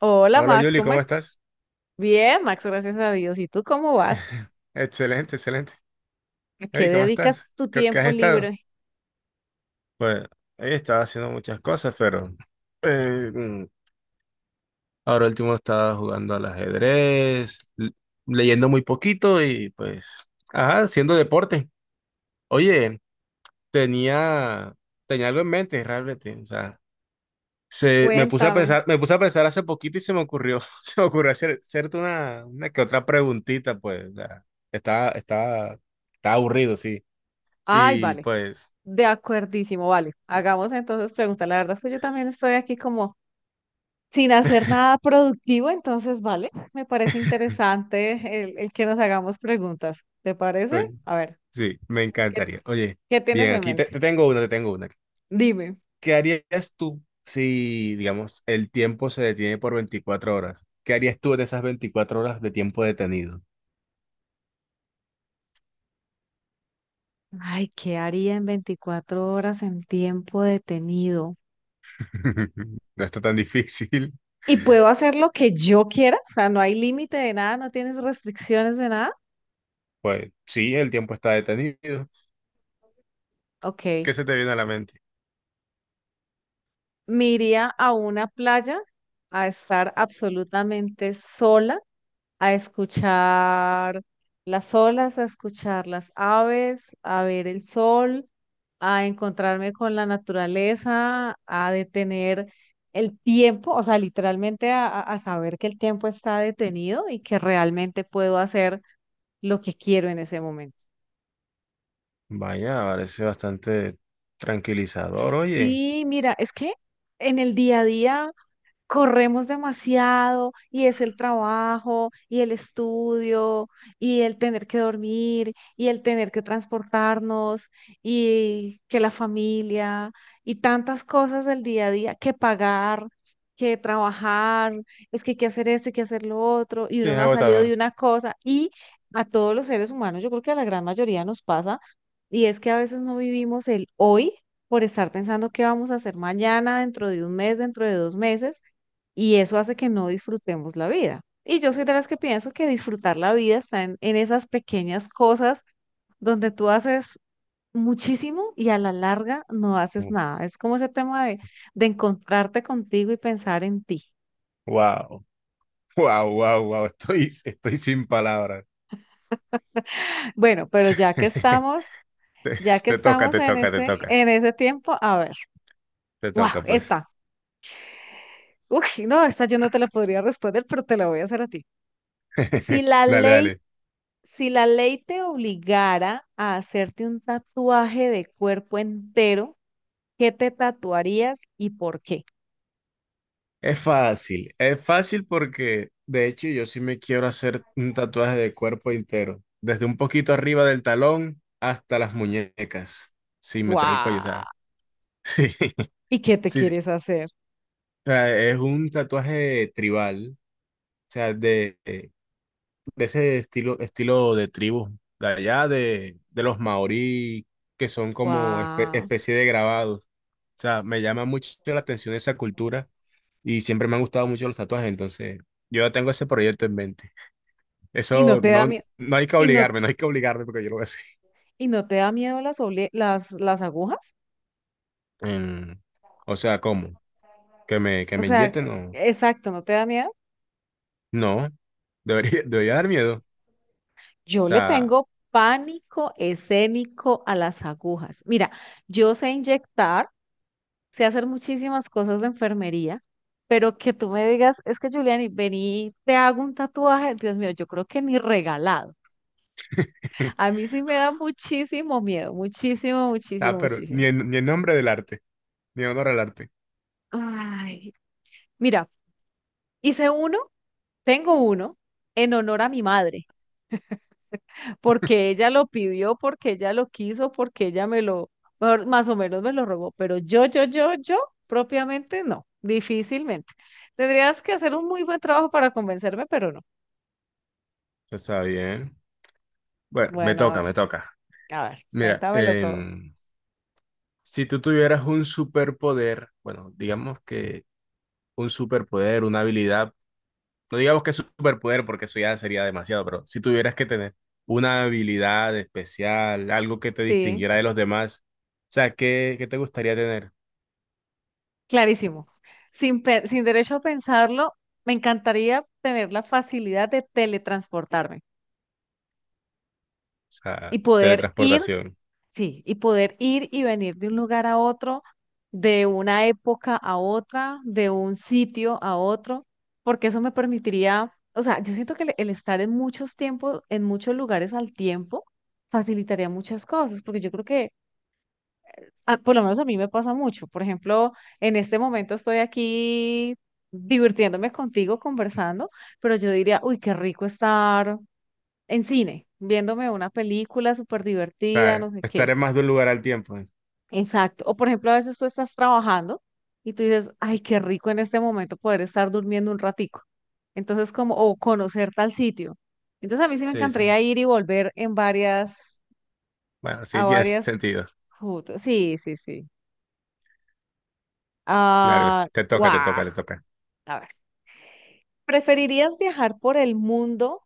Hola Hola Max, Yuli, ¿cómo ¿cómo es? estás? Bien, Max, gracias a Dios. ¿Y tú cómo vas? Excelente, excelente. ¿A qué Hey, ¿cómo dedicas estás? tu ¿¿Qué has tiempo estado? libre? Pues he estado haciendo muchas cosas, pero eh, mm, ahora último estaba jugando al ajedrez, leyendo muy poquito y pues, ajá, haciendo deporte. Oye, tenía, tenía algo en mente realmente, o sea, me puse a Cuéntame. pensar, me puse a pensar hace poquito y se me ocurrió, se me ocurrió hacer, hacerte una que otra preguntita, pues, o sea, estaba, estaba, estaba aburrido, sí. Ay, Y vale, pues, de acuerdísimo, vale. Hagamos entonces preguntas. La verdad es que yo también estoy aquí como sin hacer nada productivo, entonces, vale, me parece interesante el que nos hagamos preguntas. ¿Te oye, parece? A ver, sí, me ¿qué, encantaría. Oye, qué tienes bien, en mente? te tengo una, te tengo una. Dime. ¿Qué harías tú si, digamos, el tiempo se detiene por 24 horas? ¿Qué harías tú en esas 24 horas de tiempo detenido? Ay, ¿qué haría en 24 horas en tiempo detenido? No está tan difícil. Y puedo hacer lo que yo quiera, o sea, no hay límite de nada, no tienes restricciones de nada. Pues sí, el tiempo está detenido. Ok, ¿Qué se te viene a la mente? me iría a una playa a estar absolutamente sola, a escuchar las olas, a escuchar las aves, a ver el sol, a encontrarme con la naturaleza, a detener el tiempo, o sea, literalmente a, a saber que el tiempo está detenido y que realmente puedo hacer lo que quiero en ese momento. Vaya, parece bastante tranquilizador, oye. Sí, mira, es que en el día a día, corremos demasiado y es el trabajo y el estudio y el tener que dormir y el tener que transportarnos y que la familia y tantas cosas del día a día que pagar. Que trabajar, es que hay que hacer esto, hay que hacer lo otro, y Sí, uno es no ha salido agotador. de una cosa, y a todos los seres humanos, yo creo que a la gran mayoría nos pasa, y es que a veces no vivimos el hoy por estar pensando qué vamos a hacer mañana, dentro de un mes, dentro de dos meses, y eso hace que no disfrutemos la vida. Y yo soy de las que pienso que disfrutar la vida está en esas pequeñas cosas donde tú haces muchísimo y a la larga no haces nada. Es como ese tema de encontrarte contigo y pensar en ti. Wow, wow, wow, wow. Estoy, estoy sin palabras. Bueno, pero Te, ya que te toca, estamos te toca, te toca, en ese tiempo, a ver, te wow, toca, pues. esta. Uy, no, esta yo no te la podría responder, pero te la voy a hacer a ti. Si la Dale, ley dale. Si la ley te obligara a hacerte un tatuaje de cuerpo entero, ¿qué te tatuarías y por qué? Es fácil porque de hecho yo sí me quiero hacer un tatuaje de cuerpo entero, desde un poquito arriba del talón hasta las muñecas, sin meter el cuello, o sea, ¡Guau! sí, ¿Y qué te sí, sí. quieres hacer? O sea, es un tatuaje tribal, o sea, de ese estilo, estilo de tribu, de los maorí, que son como ¡Guau! especie de grabados. O sea, me llama mucho la atención esa cultura y siempre me han gustado mucho los tatuajes, entonces yo ya tengo ese proyecto en mente. ¿Y no Eso te da no, miedo? no hay que ¿Y no, obligarme, no hay que obligarme porque yo lo voy a hacer. y no te da miedo las agujas? Em, o sea, ¿cómo? ¿Que O me sea, inyecten? No, exacto, ¿no te da miedo? no, debería, debería dar miedo. O Yo le sea, tengo pánico escénico a las agujas. Mira, yo sé inyectar. Sé hacer muchísimas cosas de enfermería, pero que tú me digas, es que Juliani, vení, te hago un tatuaje, Dios mío, yo creo que ni regalado. A mí sí me da muchísimo miedo, muchísimo, muchísimo, ah, pero muchísimo. Ni en nombre del arte, ni en honor al arte. Ay, mira, hice uno, tengo uno en honor a mi madre, porque ella lo pidió, porque ella lo quiso, porque ella me lo, mejor- más o menos me lo rogó, pero yo, propiamente no, difícilmente. Tendrías que hacer un muy buen trabajo para convencerme, pero no. Está bien. Bueno, me Bueno, toca, me toca. a ver, Mira, cuéntamelo todo. Si tú tuvieras un superpoder, bueno, digamos que un superpoder, una habilidad, no digamos que superpoder porque eso ya sería demasiado, pero si tuvieras que tener una habilidad especial, algo que te Sí, distinguiera de los demás, o sea, ¿¿qué te gustaría tener? O clarísimo. Sin, pe- sin derecho a pensarlo, me encantaría tener la facilidad de teletransportarme sea, y poder ir, teletransportación. O sí, y poder ir y venir de un lugar a otro, de una época a otra, de un sitio a otro, porque eso me permitiría, o sea, yo siento que el estar en muchos tiempos, en muchos lugares al tiempo, facilitaría muchas cosas, porque yo creo que a- por lo menos a mí me pasa mucho. Por ejemplo, en este momento estoy aquí divirtiéndome contigo, conversando, pero yo diría, uy, qué rico estar en cine, viéndome una película súper divertida, sea, no sé estar qué. en más de un lugar al tiempo. Exacto. O por ejemplo, a veces tú estás trabajando y tú dices, ay, qué rico en este momento poder estar durmiendo un ratico. Entonces, como, o conocer tal sitio. Entonces, a mí sí me Sí, sí. encantaría ir y volver en varias, Bueno, a sí tiene varias, sentido. putas. Sí, sí, sí. Dale, Ah, te guau. toca, te toca, te toca. A ver, ¿preferirías viajar por el mundo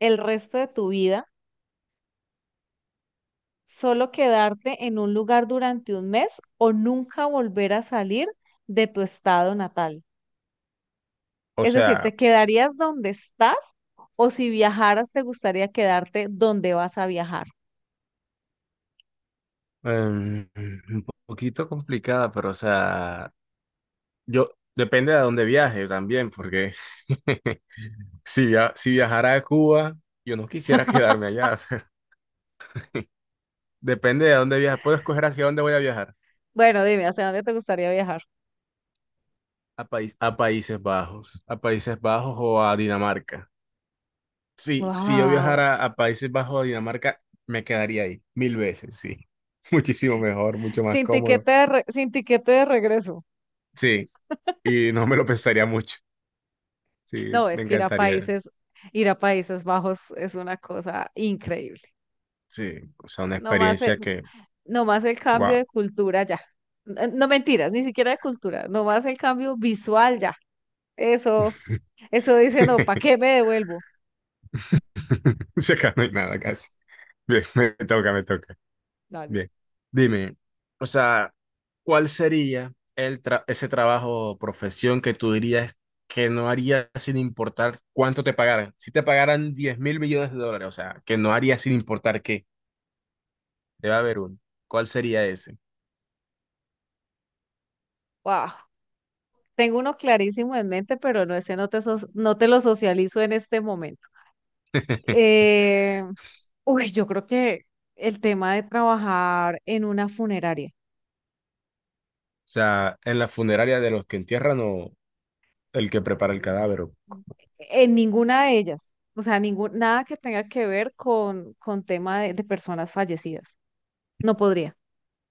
el resto de tu vida, solo quedarte en un lugar durante un mes o nunca volver a salir de tu estado natal? O Es decir, sea... ¿te quedarías donde estás o si viajaras te gustaría quedarte donde vas a viajar? Un poquito complicada, pero o sea, yo depende de a dónde viaje también, porque si viajara a Cuba, yo no quisiera quedarme allá. Depende de a dónde viaje. Puedo escoger hacia dónde voy a viajar. Bueno, dime, ¿hacia dónde te gustaría viajar? A Países Bajos o a Dinamarca. Sí, si yo Wow. viajara a Países Bajos o a Dinamarca, me quedaría ahí mil veces, sí. Muchísimo mejor, mucho más Sin cómodo. tiquete de re- sin tiquete de regreso. Sí, y no me lo pensaría mucho. Sí, No, me es que encantaría. Ir a Países Bajos es una cosa increíble. Sí, o sea, una Nomás, experiencia que, nomás el cambio wow. de cultura ya. N- No, mentiras, ni siquiera de cultura, nomás el cambio visual ya. Eso, eso dice, no, ¿para qué me devuelvo? O sea, acá no hay nada casi. Bien, me toca, me toca. Dale. Bien. Dime, o sea, ¿cuál sería el ese trabajo o profesión que tú dirías que no harías sin importar cuánto te pagaran? Si te pagaran 10.000 millones de dólares, o sea, que no harías sin importar qué, debe haber uno. ¿Cuál sería ese? Wow. Tengo uno clarísimo en mente, pero no, ese no te, so- no te lo socializo en este momento. Eh, uy, yo creo que el tema de trabajar en una funeraria, O sea, en la funeraria de los que entierran o el que prepara el mm, cadáver. en ninguna de ellas, o sea, ningún, nada que tenga que ver con tema de personas fallecidas. No podría.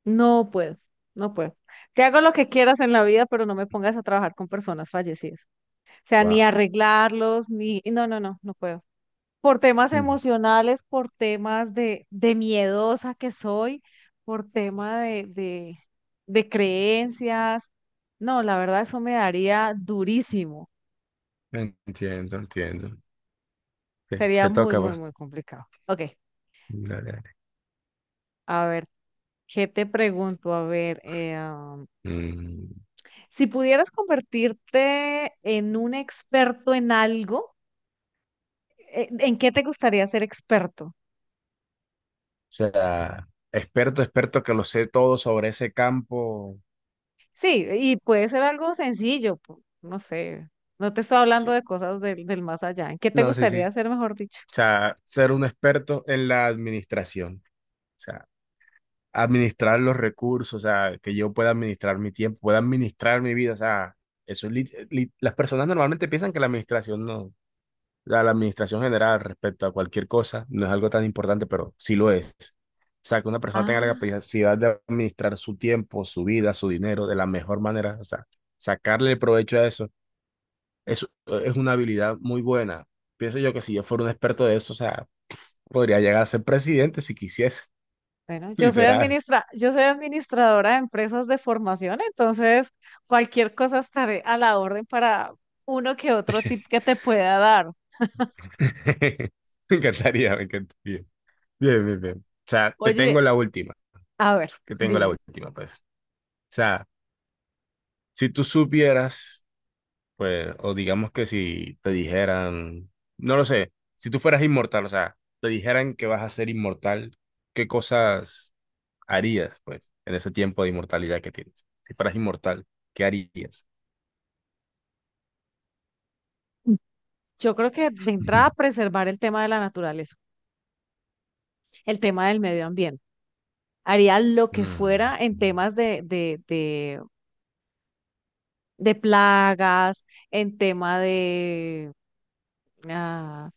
No puedo, no puedo. Te hago lo que quieras en la vida, pero no me pongas a trabajar con personas fallecidas. O sea, ni Wow. arreglarlos, ni... No, no, no, no puedo. Por temas emocionales, por temas de miedosa que soy, por tema de creencias. No, la verdad, eso me daría durísimo. Entiendo, entiendo. Ok, Sería te muy, toca, muy, pues. muy complicado. Ok, Dale, dale. a ver, ¿qué te pregunto? A ver, Mm, o Si pudieras convertirte en un experto en algo, ¿en qué te gustaría ser experto? sea, experto, experto que lo sé todo sobre ese campo. Sí, y puede ser algo sencillo, pu- no sé, no te estoy hablando Sí. de cosas del más allá. ¿En qué te No, sí, sí. gustaría ser, O mejor dicho? sea, ser un experto en la administración. O sea, administrar los recursos, o sea, que yo pueda administrar mi tiempo, pueda administrar mi vida. O sea, eso, las personas normalmente piensan que la administración no. La administración general respecto a cualquier cosa no es algo tan importante, pero sí lo es. O sea, que una persona tenga la Ah, capacidad de administrar su tiempo, su vida, su dinero de la mejor manera, o sea, sacarle el provecho a eso, eso es una habilidad muy buena. Pienso yo que si yo fuera un experto de eso, o sea, podría llegar a ser presidente si quisiese, bueno, yo soy literal. administra, yo soy administradora de empresas de formación, entonces cualquier cosa estaré a la orden para uno que otro tip que te pueda dar. Me encantaría, me encantaría. Bien, bien, bien. O sea, te tengo Oye, la última, a ver, que tengo la dime. última, pues. O sea, si tú supieras pues, o digamos que si te dijeran, no lo sé, si tú fueras inmortal, o sea, te dijeran que vas a ser inmortal, ¿qué cosas harías, pues, en ese tiempo de inmortalidad que tienes? Si fueras inmortal, ¿qué harías? Yo creo que de entrada Ujú. preservar el tema de la naturaleza. El tema del medio ambiente. Haría lo que Mm. fuera en temas de plagas, en tema de, ah,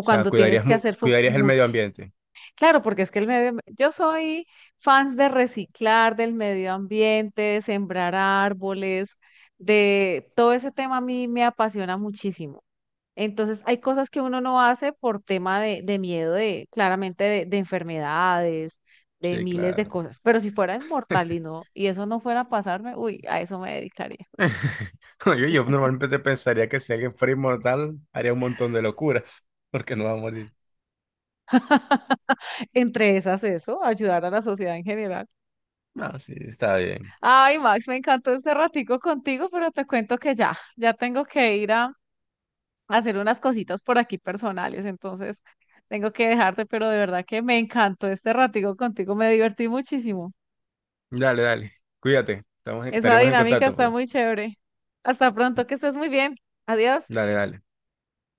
O sea, cuando tienes que hacer fu- cuidarías el medio mucho. ambiente. Claro, porque es que el medio, yo soy fans de reciclar, del medio ambiente, de sembrar árboles, de todo ese tema a mí me apasiona muchísimo. Entonces, hay cosas que uno no hace por tema de miedo de, claramente, de enfermedades, de Sí, miles de claro. cosas. Pero si fuera inmortal y no, y eso no fuera a pasarme, uy, a eso me dedicaría. Yo normalmente pensaría que si alguien fuera inmortal, haría un montón de locuras, porque no va a morir. Entre esas, eso, ayudar a la sociedad en general. No, sí, está bien. Ay, Max, me encantó este ratico contigo, pero te cuento que ya, ya tengo que ir a hacer unas cositas por aquí personales, entonces tengo que dejarte, pero de verdad que me encantó este ratico contigo, me divertí muchísimo. Dale, dale. Cuídate. Estamos Esa estaremos en dinámica contacto, está pues. muy chévere. Hasta pronto, que estés muy bien. Adiós. Dale, dale.